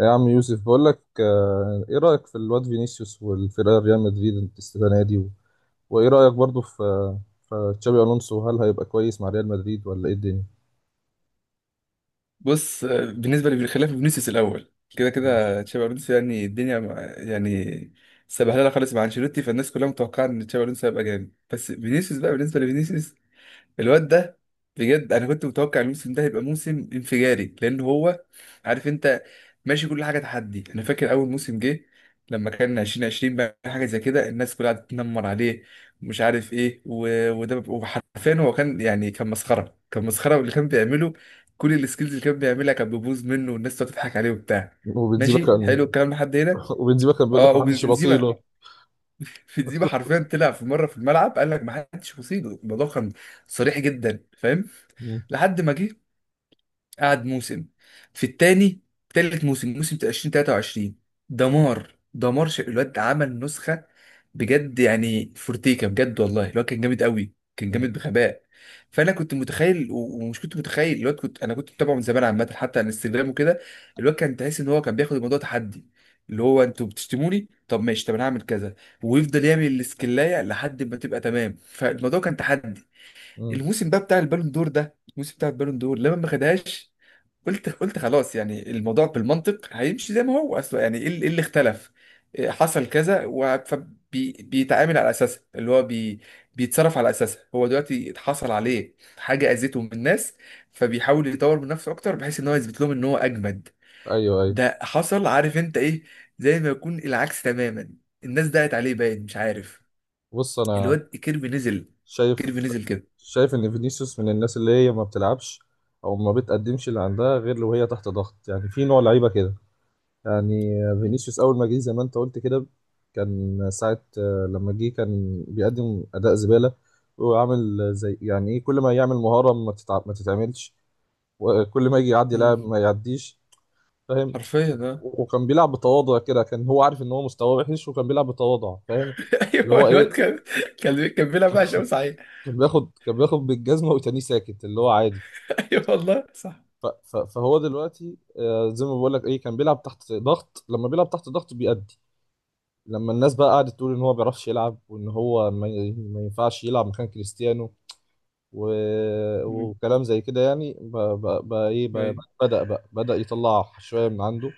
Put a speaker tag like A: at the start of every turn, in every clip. A: يا عم يوسف بقول لك ايه رأيك في الواد فينيسيوس والفرقة ريال مدريد السنة دي وايه رأيك برضو في تشابي الونسو؟ هل هيبقى كويس مع ريال مدريد ولا ايه الدنيا؟
B: بص آه، بالنسبة لي خلاف فينيسيوس الأول كده كده تشابي ألونسو يعني الدنيا مع- يعني سبهلله خالص مع أنشيلوتي، فالناس كلها متوقعة إن تشابي ألونسو هيبقى جامد. بس فينيسيوس بقى، بالنسبة لفينيسيوس الواد ده، بجد انا كنت متوقع الموسم ده هيبقى موسم انفجاري لان هو عارف انت ماشي كل حاجه تحدي. انا فاكر اول موسم جه لما كان 2020 بقى حاجه زي كده الناس كلها قعدت تنمر عليه ومش عارف ايه و- وده، وحرفيا هو كان كان مسخره، كان مسخره اللي كان بيعمله. كل السكيلز اللي كان بيعملها كان بيبوظ منه والناس تقعد تضحك عليه وبتاع.
A: وبنزيما يا اسطى
B: ماشي
A: كان،
B: حلو الكلام لحد هنا.
A: وبنزيما كان بيقول
B: اه
A: لك محدش
B: وبنزيما
A: يبصيله.
B: في ديبا حرفيا طلع في مره في الملعب قال لك ما حدش يصيده. الموضوع كان صريح جدا فاهم.
A: مم.
B: لحد ما جه قعد موسم في التاني، تالت موسم موسم 2023 دمار دمار الواد عمل نسخة بجد يعني فورتيكا، بجد والله الواد كان جامد قوي، كان
A: مم.
B: جامد بغباء. فانا كنت متخيل و- ومش كنت متخيل الواد، كنت انا كنت متابعه من زمان عامه حتى على الانستجرام وكده. الواد كان تحس ان هو كان بياخد الموضوع تحدي، اللي هو انتوا بتشتموني، طب ماشي طب انا هعمل كذا. ويفضل يعمل الاسكلايه لحد ما تبقى تمام، فالموضوع كان تحدي.
A: مم.
B: الموسم بقى بتاع البالون دور ده، الموسم بتاع البالون دور لما ما خدهاش، قلت خلاص يعني الموضوع بالمنطق هيمشي زي ما هو اصلا. يعني ايه اللي اختلف، إيه حصل كذا بيتعامل على اساسها، اللي هو بي بيتصرف على اساسها. هو دلوقتي اتحصل عليه حاجه اذته من الناس، فبيحاول يطور من نفسه اكتر بحيث ان هو يثبت لهم ان هو اجمد.
A: ايوه ايوه،
B: ده حصل عارف انت ايه، زي ما يكون العكس تماما. الناس دعت عليه باين مش عارف.
A: بص انا
B: الواد كيربي نزل،
A: شايف
B: كيربي نزل كده.
A: شايف ان فينيسيوس من الناس اللي هي ما بتلعبش او ما بتقدمش اللي عندها غير لو هي تحت ضغط، يعني في نوع لعيبة كده، يعني. فينيسيوس اول ما جه زي ما انت قلت كده، كان ساعة لما جه كان بيقدم اداء زبالة، وعامل زي يعني ايه، كل ما يعمل مهارة ما تتعملش، وكل ما يجي يعدي
B: مم.
A: لاعب ما يعديش. فاهم؟
B: حرفيا اه.
A: وكان بيلعب بتواضع كده، كان هو عارف ان هو مستواه وحش، وكان بيلعب بتواضع. فاهم؟ اللي هو
B: ايوه الواد
A: ايه،
B: كان كان بيلعب وحش قوي صحيح.
A: كان بياخد بالجزمة وتاني ساكت، اللي هو عادي.
B: ايوه والله صح.
A: فهو دلوقتي زي ما بقول لك ايه، كان بيلعب تحت ضغط، لما بيلعب تحت ضغط بيأدي. لما الناس بقى قعدت تقول ان هو ما بيعرفش يلعب، وان هو ما ينفعش يلعب مكان كريستيانو، و...
B: مم.
A: وكلام زي كده، يعني ب... ب... ب... ايه ب... ب-
B: أيوة.
A: بدأ بقى، بدأ يطلع شوية من عنده.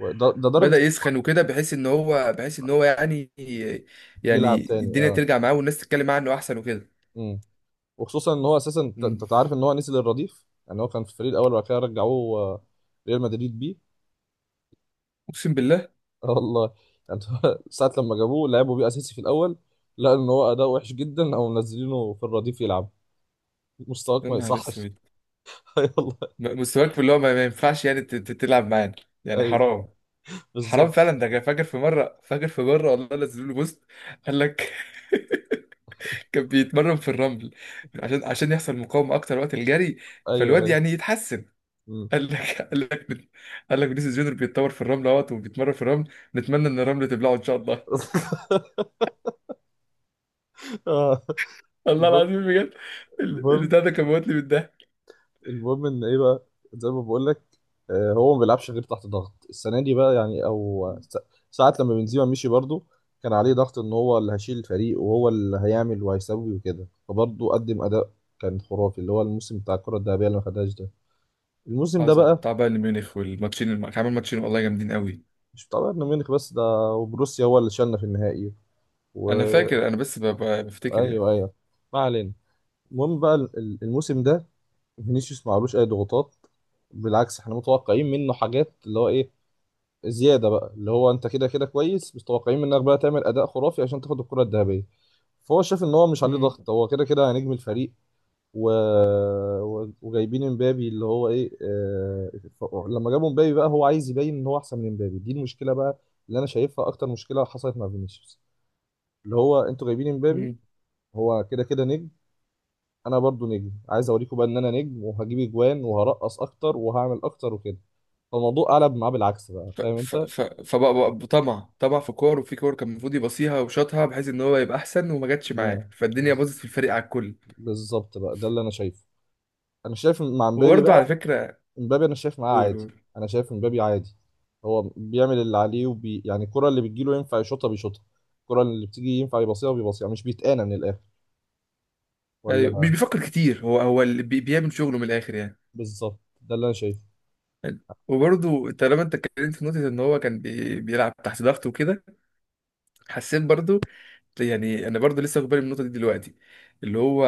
A: وده درجة
B: بدأ يسخن وكده بحيث ان هو
A: يلعب تاني،
B: الدنيا
A: اه.
B: ترجع معاه والناس تتكلم معاه انه احسن وكده.
A: امم وخصوصا ان هو اساسا انت
B: مم.
A: أنت تعرف ان هو نزل الرديف، يعني هو كان في الفريق الاول وبعد كده رجعوه ريال مدريد بيه.
B: اقسم بالله.
A: اه والله. يعني هو ساعة لما جابوه لعبوا بيه اساسي في الاول، لقوا ان هو اداء وحش جدا، او منزلينه في الرديف يلعب. مستواك
B: يا
A: ما
B: نهار
A: يصحش.
B: اسود.
A: يلا،
B: مستواك في اللي هو ما ينفعش يعني تلعب معانا يعني،
A: ايوه،
B: حرام. حرام
A: بالظبط.
B: فعلا. ده أنا فاكر في مره، والله نزلوا له بوست، قال لك كان بيتمرن في الرمل عشان يحصل مقاومه اكتر وقت الجري
A: ايوه
B: فالواد
A: ايوه.
B: يعني يتحسن.
A: مم.
B: قال لك قال لك قال لك فينيسيوس جونيور بيتطور في الرمل اهوت وبيتمرن في الرمل، نتمنى ان الرمل تبلعه ان شاء الله.
A: آه،
B: الله
A: المهم
B: العظيم بجد.
A: المهم
B: البتاع ده كان موتني بالضحك.
A: المهم ان ايه بقى؟ زي ما بقول لك، هو ما بيلعبش غير تحت ضغط السنه دي بقى، يعني، او ساعات لما بنزيما مشي برضه، كان عليه ضغط ان هو اللي هيشيل الفريق، وهو اللي هيعمل وهيسوي وكده، فبرضه قدم اداء كان خرافي، اللي هو الموسم بتاع الكره الذهبيه اللي ما خدهاش ده، الموسم ده
B: حصل
A: بقى.
B: بتاع بايرن ميونخ والماتشين كان عامل ماتشين والله جامدين قوي.
A: مش بتاع بايرن ميونخ بس ده، وبروسيا هو اللي شالنا في النهائي. و...
B: انا فاكر، انا بس بفتكر يعني.
A: ايوه ايوه، ما علينا. المهم بقى الموسم ده فينيسيوس معلوش اي ضغوطات. بالعكس، احنا متوقعين منه حاجات، اللي هو ايه، زياده بقى، اللي هو انت كده كده كويس، بس متوقعين منك بقى تعمل اداء خرافي عشان تاخد الكره الذهبيه. فهو شاف ان هو مش عليه
B: مم.
A: ضغط، هو كده كده نجم الفريق. و... وجايبين امبابي، اللي هو ايه، لما جابوا امبابي بقى، هو عايز يبين ان هو احسن من امبابي. دي المشكله بقى اللي انا شايفها، اكتر مشكله حصلت مع فينيسيوس. اللي هو، انتوا جايبين امبابي،
B: مم.
A: هو كده كده نجم، انا برضو نجم، عايز اوريكم بقى ان انا نجم، وهجيب اجوان وهرقص اكتر وهعمل اكتر وكده. فالموضوع قلب معاه بالعكس بقى.
B: ف
A: فاهم
B: ف
A: انت؟
B: ف فبقى طمع، في كور وفي كور كان المفروض يبصيها وشاطها بحيث ان هو يبقى احسن، وما جاتش
A: مم.
B: معاه فالدنيا
A: بز-
B: باظت في الفريق على الكل.
A: بالظبط بقى، ده اللي انا شايفه. انا شايف مع مبابي
B: وبرضه على
A: بقى،
B: فكره،
A: مبابي انا شايف معاه
B: قول
A: عادي،
B: قول.
A: انا شايف مبابي عادي. هو بيعمل اللي عليه يعني، الكرة اللي بتجيله ينفع يشوطها بيشوطها، الكرة اللي بتيجي ينفع يباصيها بيباصيها، مش بيتقانى من الاخر،
B: ايوه مش
A: ولا؟
B: بيفكر كتير، هو هو اللي بيعمل شغله من الاخر يعني.
A: بالظبط، ده اللي انا شايفه.
B: حلو. وبرضه طالما انت اتكلمت في نقطة ان هو كان بيلعب تحت ضغط وكده، حسيت برضو يعني. انا برضو لسه واخد بالي من النقطه دي دلوقتي، اللي هو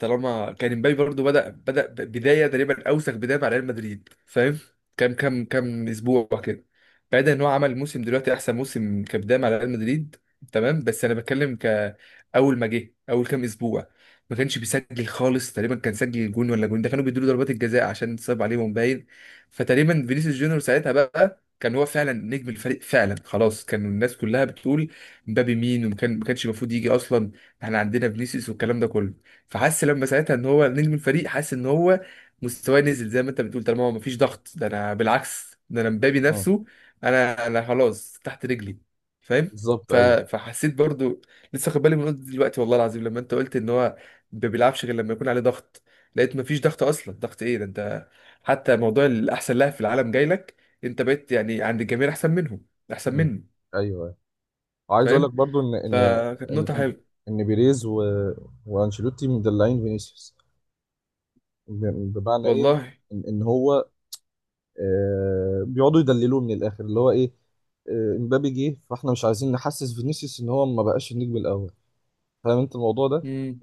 B: طالما كان امبابي برضو بدا بدايه تقريبا اوسخ بدايه مع ريال مدريد فاهم. كام اسبوع كده، بعيدا ان هو عمل موسم دلوقتي احسن موسم كبدايه مع ريال مدريد تمام، بس انا بتكلم كاول ما جه اول كام اسبوع ما كانش بيسجل خالص تقريبا، كان سجل جون ولا جون ده كانوا بيدوا له ضربات الجزاء عشان صعب عليهم باين. فتقريبا فينيسيوس جونيور ساعتها بقى كان هو فعلا نجم الفريق فعلا. خلاص كان الناس كلها بتقول مبابي مين ما كانش المفروض يجي اصلا، احنا عندنا فينيسيوس والكلام ده كله. فحس لما ساعتها ان هو نجم الفريق، حس ان هو مستواه نزل زي ما انت بتقول طالما هو مفيش ضغط. ده انا بالعكس، ده انا مبابي
A: مم.
B: نفسه، انا خلاص تحت رجلي فاهم.
A: بالظبط، ايوه.
B: فحسيت برضو، لسه واخد بالي من نقطة دلوقتي والله العظيم لما انت قلت ان هو ما بيلعبش غير لما يكون عليه ضغط. لقيت مفيش ضغط اصلا، ضغط ايه ده انت حتى موضوع الاحسن لاعب في العالم جاي لك، انت بقيت يعني عند الجميع احسن منهم، احسن
A: مم.
B: مني
A: ايوه. وعايز اقول لك
B: فاهم.
A: برضو ان ان
B: فكانت
A: ان
B: نقطة
A: ان
B: حلوة.
A: إن بيريز وانشيلوتي مدلعين فينيسيوس. بمعنى ايه؟
B: والله.
A: إن هو بيقعدوا يدللوه من الاخر، اللي هو ايه، امبابي جه، فاحنا مش عايزين نحسس فينيسيوس ان هو ما بقاش النجم الاول. فاهم انت الموضوع ده؟
B: امم.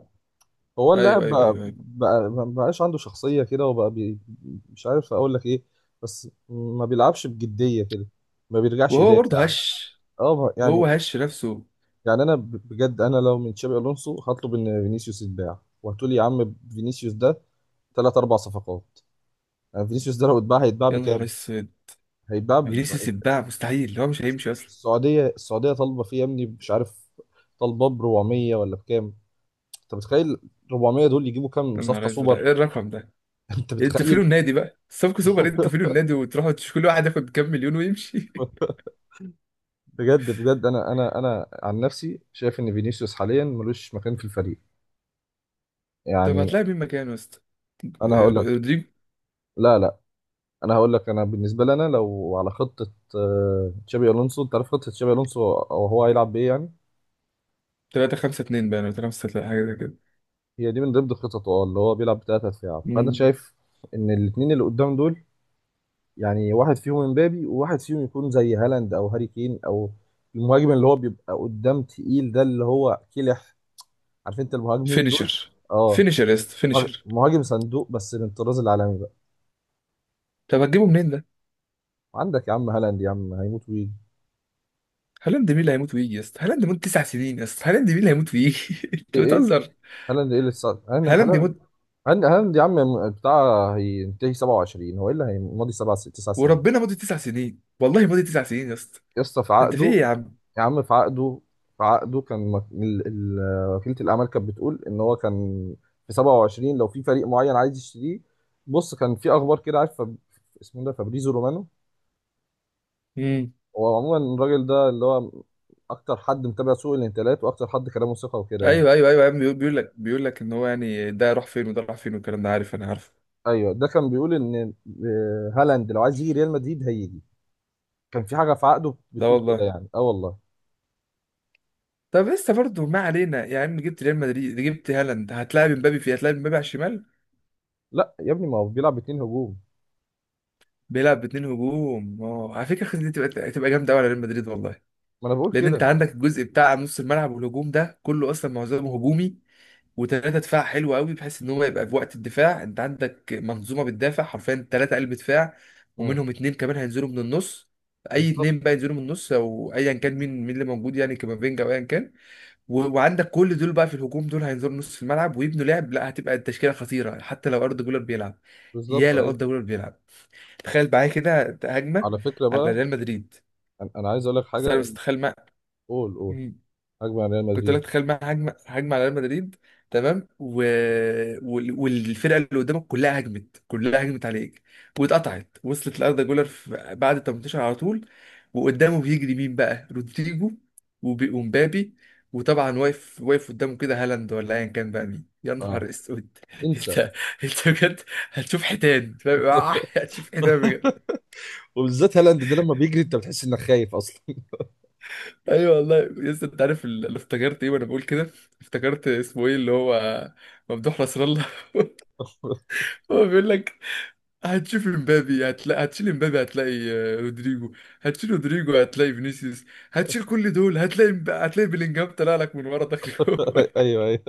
A: هو
B: ايوه
A: اللاعب
B: ايوه
A: بقى
B: ايوه ايوه
A: بقى ما بقاش عنده شخصية كده، وبقى مش عارف اقول لك ايه، بس ما بيلعبش بجدية كده، ما بيرجعش
B: وهو برضه
A: يدافع،
B: هش،
A: اه
B: هو
A: يعني.
B: هش نفسه.
A: يعني انا بجد، انا لو من تشابي الونسو هطلب ان فينيسيوس يتباع، وهتقولي يا عم فينيسيوس ده ثلاث اربع صفقات. يعني فينيسيوس ده لو اتباع هيتباع
B: يا نهار
A: بكام؟
B: اسود،
A: هيتباع ب-
B: فينيسيوس يتباع مستحيل، هو مش هيمشي اصلا.
A: السعوديه طالبه فيه يا ابني، مش عارف، طالبه ب 400 ولا بكام؟ انت متخيل؟ 400 دول يجيبوا كام
B: يا
A: صفقه
B: نهار اسود،
A: سوبر؟
B: ايه الرقم ده.
A: انت
B: إيه انتوا فين
A: متخيل؟
B: النادي بقى الصفقة سوبر، إيه انتوا فين النادي وتروحوا كل واحد ياخد كام مليون ويمشي.
A: بجد، انا عن نفسي شايف ان فينيسيوس حاليا ملوش مكان في الفريق،
B: طب
A: يعني.
B: هتلاقي مين مكانه يا اسطى،
A: انا
B: آه،
A: هقول لك.
B: رودريجو؟
A: لا، لا، انا هقول لك. انا بالنسبه لنا، لو على خطه تشابي الونسو، انت عارف خطه تشابي الونسو، او هو هيلعب بايه يعني؟
B: 3 5 2 باين ولا 3 6 حاجه زي كده.
A: هي دي من ضمن خططه، اه، اللي هو بيلعب بثلاثه دفاع، فانا
B: امم.
A: شايف ان الاثنين اللي قدام دول، يعني واحد فيهم امبابي، وواحد فيهم يكون زي هالاند او هاري كين، او المهاجم اللي هو بيبقى قدام تقيل ده، اللي هو كلح، عارف انت المهاجمين دول؟
B: فينيشر،
A: اه.
B: فينيشر يا اسطى،
A: مهاجم
B: فينيشر.
A: مهاجم صندوق، بس من الطراز العالمي بقى.
B: طب هتجيبه منين ده؟
A: عندك يا عم هالاند، يا عم هيموت ويجي.
B: هالاند مين اللي هيموت ويجي يا اسطى، هالاند مين 9 سنين يا اسطى، هالاند مين اللي هيموت ويجي؟ انت
A: ايه ايه،
B: بتهزر.
A: هالاند ايه اللي صار؟ هالاند
B: هالاند مد،
A: هند هند يا عم، بتاع هينتهي 27، هو ايه اللي هيمضي 7 6 9 سنين؟
B: وربنا مدة 9 سنين، والله مدة 9 سنين يا اسطى.
A: يا اسطى في
B: انت في
A: عقده،
B: ايه يا عم؟
A: يا عم في عقده، في عقده كان وكيلة الأعمال كانت بتقول إن هو كان في 27 لو في فريق معين عايز يشتريه. بص، كان في أخبار كده، عارف، اسمه ده فابريزو رومانو.
B: امم.
A: هو عموما الراجل ده اللي هو أكتر حد متابع سوق الانتقالات، وأكتر حد كلامه ثقة وكده، يعني.
B: ايوه يا عم بيقول، بيقول لك ان هو يعني ده راح فين وده راح فين والكلام ده، عارف انا عارف.
A: أيوه، ده كان بيقول إن هالاند لو عايز يجي ريال مدريد هيجي، كان في حاجة في عقده
B: لا
A: بتقول كده،
B: والله.
A: يعني أه والله.
B: طب لسه برضه ما علينا، يا عم جبت ريال مدريد، جبت هالاند، هتلاعب امبابي على الشمال.
A: لا يا ابني، ما هو بيلعب باتنين هجوم.
B: بيلعب باتنين هجوم اه. على فكره الخطة دي تبقى جامده قوي على ريال مدريد والله.
A: ما انا بقول
B: لان انت
A: كده.
B: عندك الجزء بتاع نص الملعب والهجوم ده كله اصلا معظمه هجومي، وثلاثه دفاع حلو قوي بحيث ان هو يبقى في وقت الدفاع انت عندك منظومه بتدافع حرفيا، ثلاثه قلب دفاع،
A: مم.
B: ومنهم اتنين كمان هينزلوا من النص. اي اتنين بقى
A: بالظبط
B: ينزلوا من النص او ايا كان، مين اللي موجود يعني كامافينجا او ايا كان. و- وعندك كل دول بقى في الهجوم دول هينزلوا نص في الملعب ويبنوا لعب، لا هتبقى التشكيله خطيره حتى لو اردا جولر بيلعب، يا
A: بالظبط،
B: لو
A: ايوه.
B: اردا جولر بيلعب. تخيل معايا كده هجمه
A: على فكره
B: على
A: بقى،
B: ريال مدريد.
A: انا عايز اقول لك
B: بس
A: حاجه،
B: انا
A: ان...
B: مستخيل،
A: قول قول. هجمه على ريال
B: كنت
A: مدريد،
B: لك تخيل بقى، هجمه على ريال مدريد تمام. و... وال- والفرقه اللي قدامك كلها هجمت، كلها هجمت عليك، واتقطعت وصلت لاردا جولر بعد ال 18 على طول، وقدامه بيجري مين بقى، رودريجو وب... ومبابي، وطبعا واقف قدامه كده هالاند ولا ايا كان بقى مين. يا
A: اه،
B: نهار اسود
A: انسى.
B: انت، انت بجد هتشوف حيتان فاهم؟ هتشوف حيتان.
A: وبالذات هالاند ده لما بيجري انت بتحس انك خايف اصلا.
B: ايوه والله. يس، انت عارف اللي افتكرت ايه وانا بقول كده؟ افتكرت اسمه ايه اللي هو ممدوح نصر الله. هو بيقول لك هتشوف امبابي، هتلاقي هتشيل امبابي هتلاقي آه، رودريجو، هتشيل رودريجو هتلاقي فينيسيوس، هتشيل كل دول هتلاقي هتلاقي بيلينجهام طلع لك من ورا داخل جوه.
A: ايوه ايوه.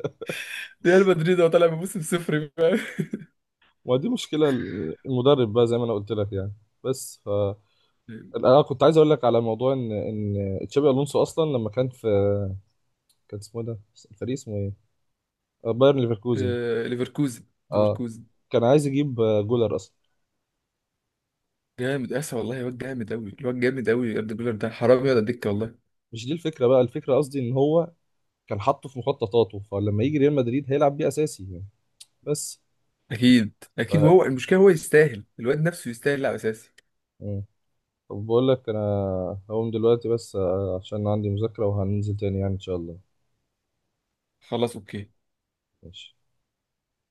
B: ريال مدريد هو طالع بموسم صفر فاهم؟
A: ما دي مشكله المدرب بقى، زي ما انا قلت لك يعني. بس انا كنت عايز اقول لك على موضوع ان تشابي الونسو اصلا لما كان في، كان اسمه إيه ده، الفريق اسمه ايه؟ بايرن ليفركوزن.
B: آه، ليفركوزن،
A: اه.
B: ليفركوزن
A: كان عايز يجيب جولر اصلا.
B: جامد اسا والله. الواد جامد قوي، الواد جامد قوي يا ابن الجولر، ده حرام يقعد على الدكه والله.
A: مش دي الفكره بقى، الفكره قصدي ان هو كان حاطه في مخططاته، فلما يجي ريال مدريد هيلعب بيه اساسي يعني. بس
B: اكيد،
A: ف...
B: اكيد. وهو المشكله هو يستاهل، الواد نفسه يستاهل لاعب اساسي.
A: مم. طب بقول لك انا، هقوم دلوقتي بس عشان عندي مذاكره، وهننزل تاني يعني ان شاء الله.
B: خلاص اوكي.
A: ماشي.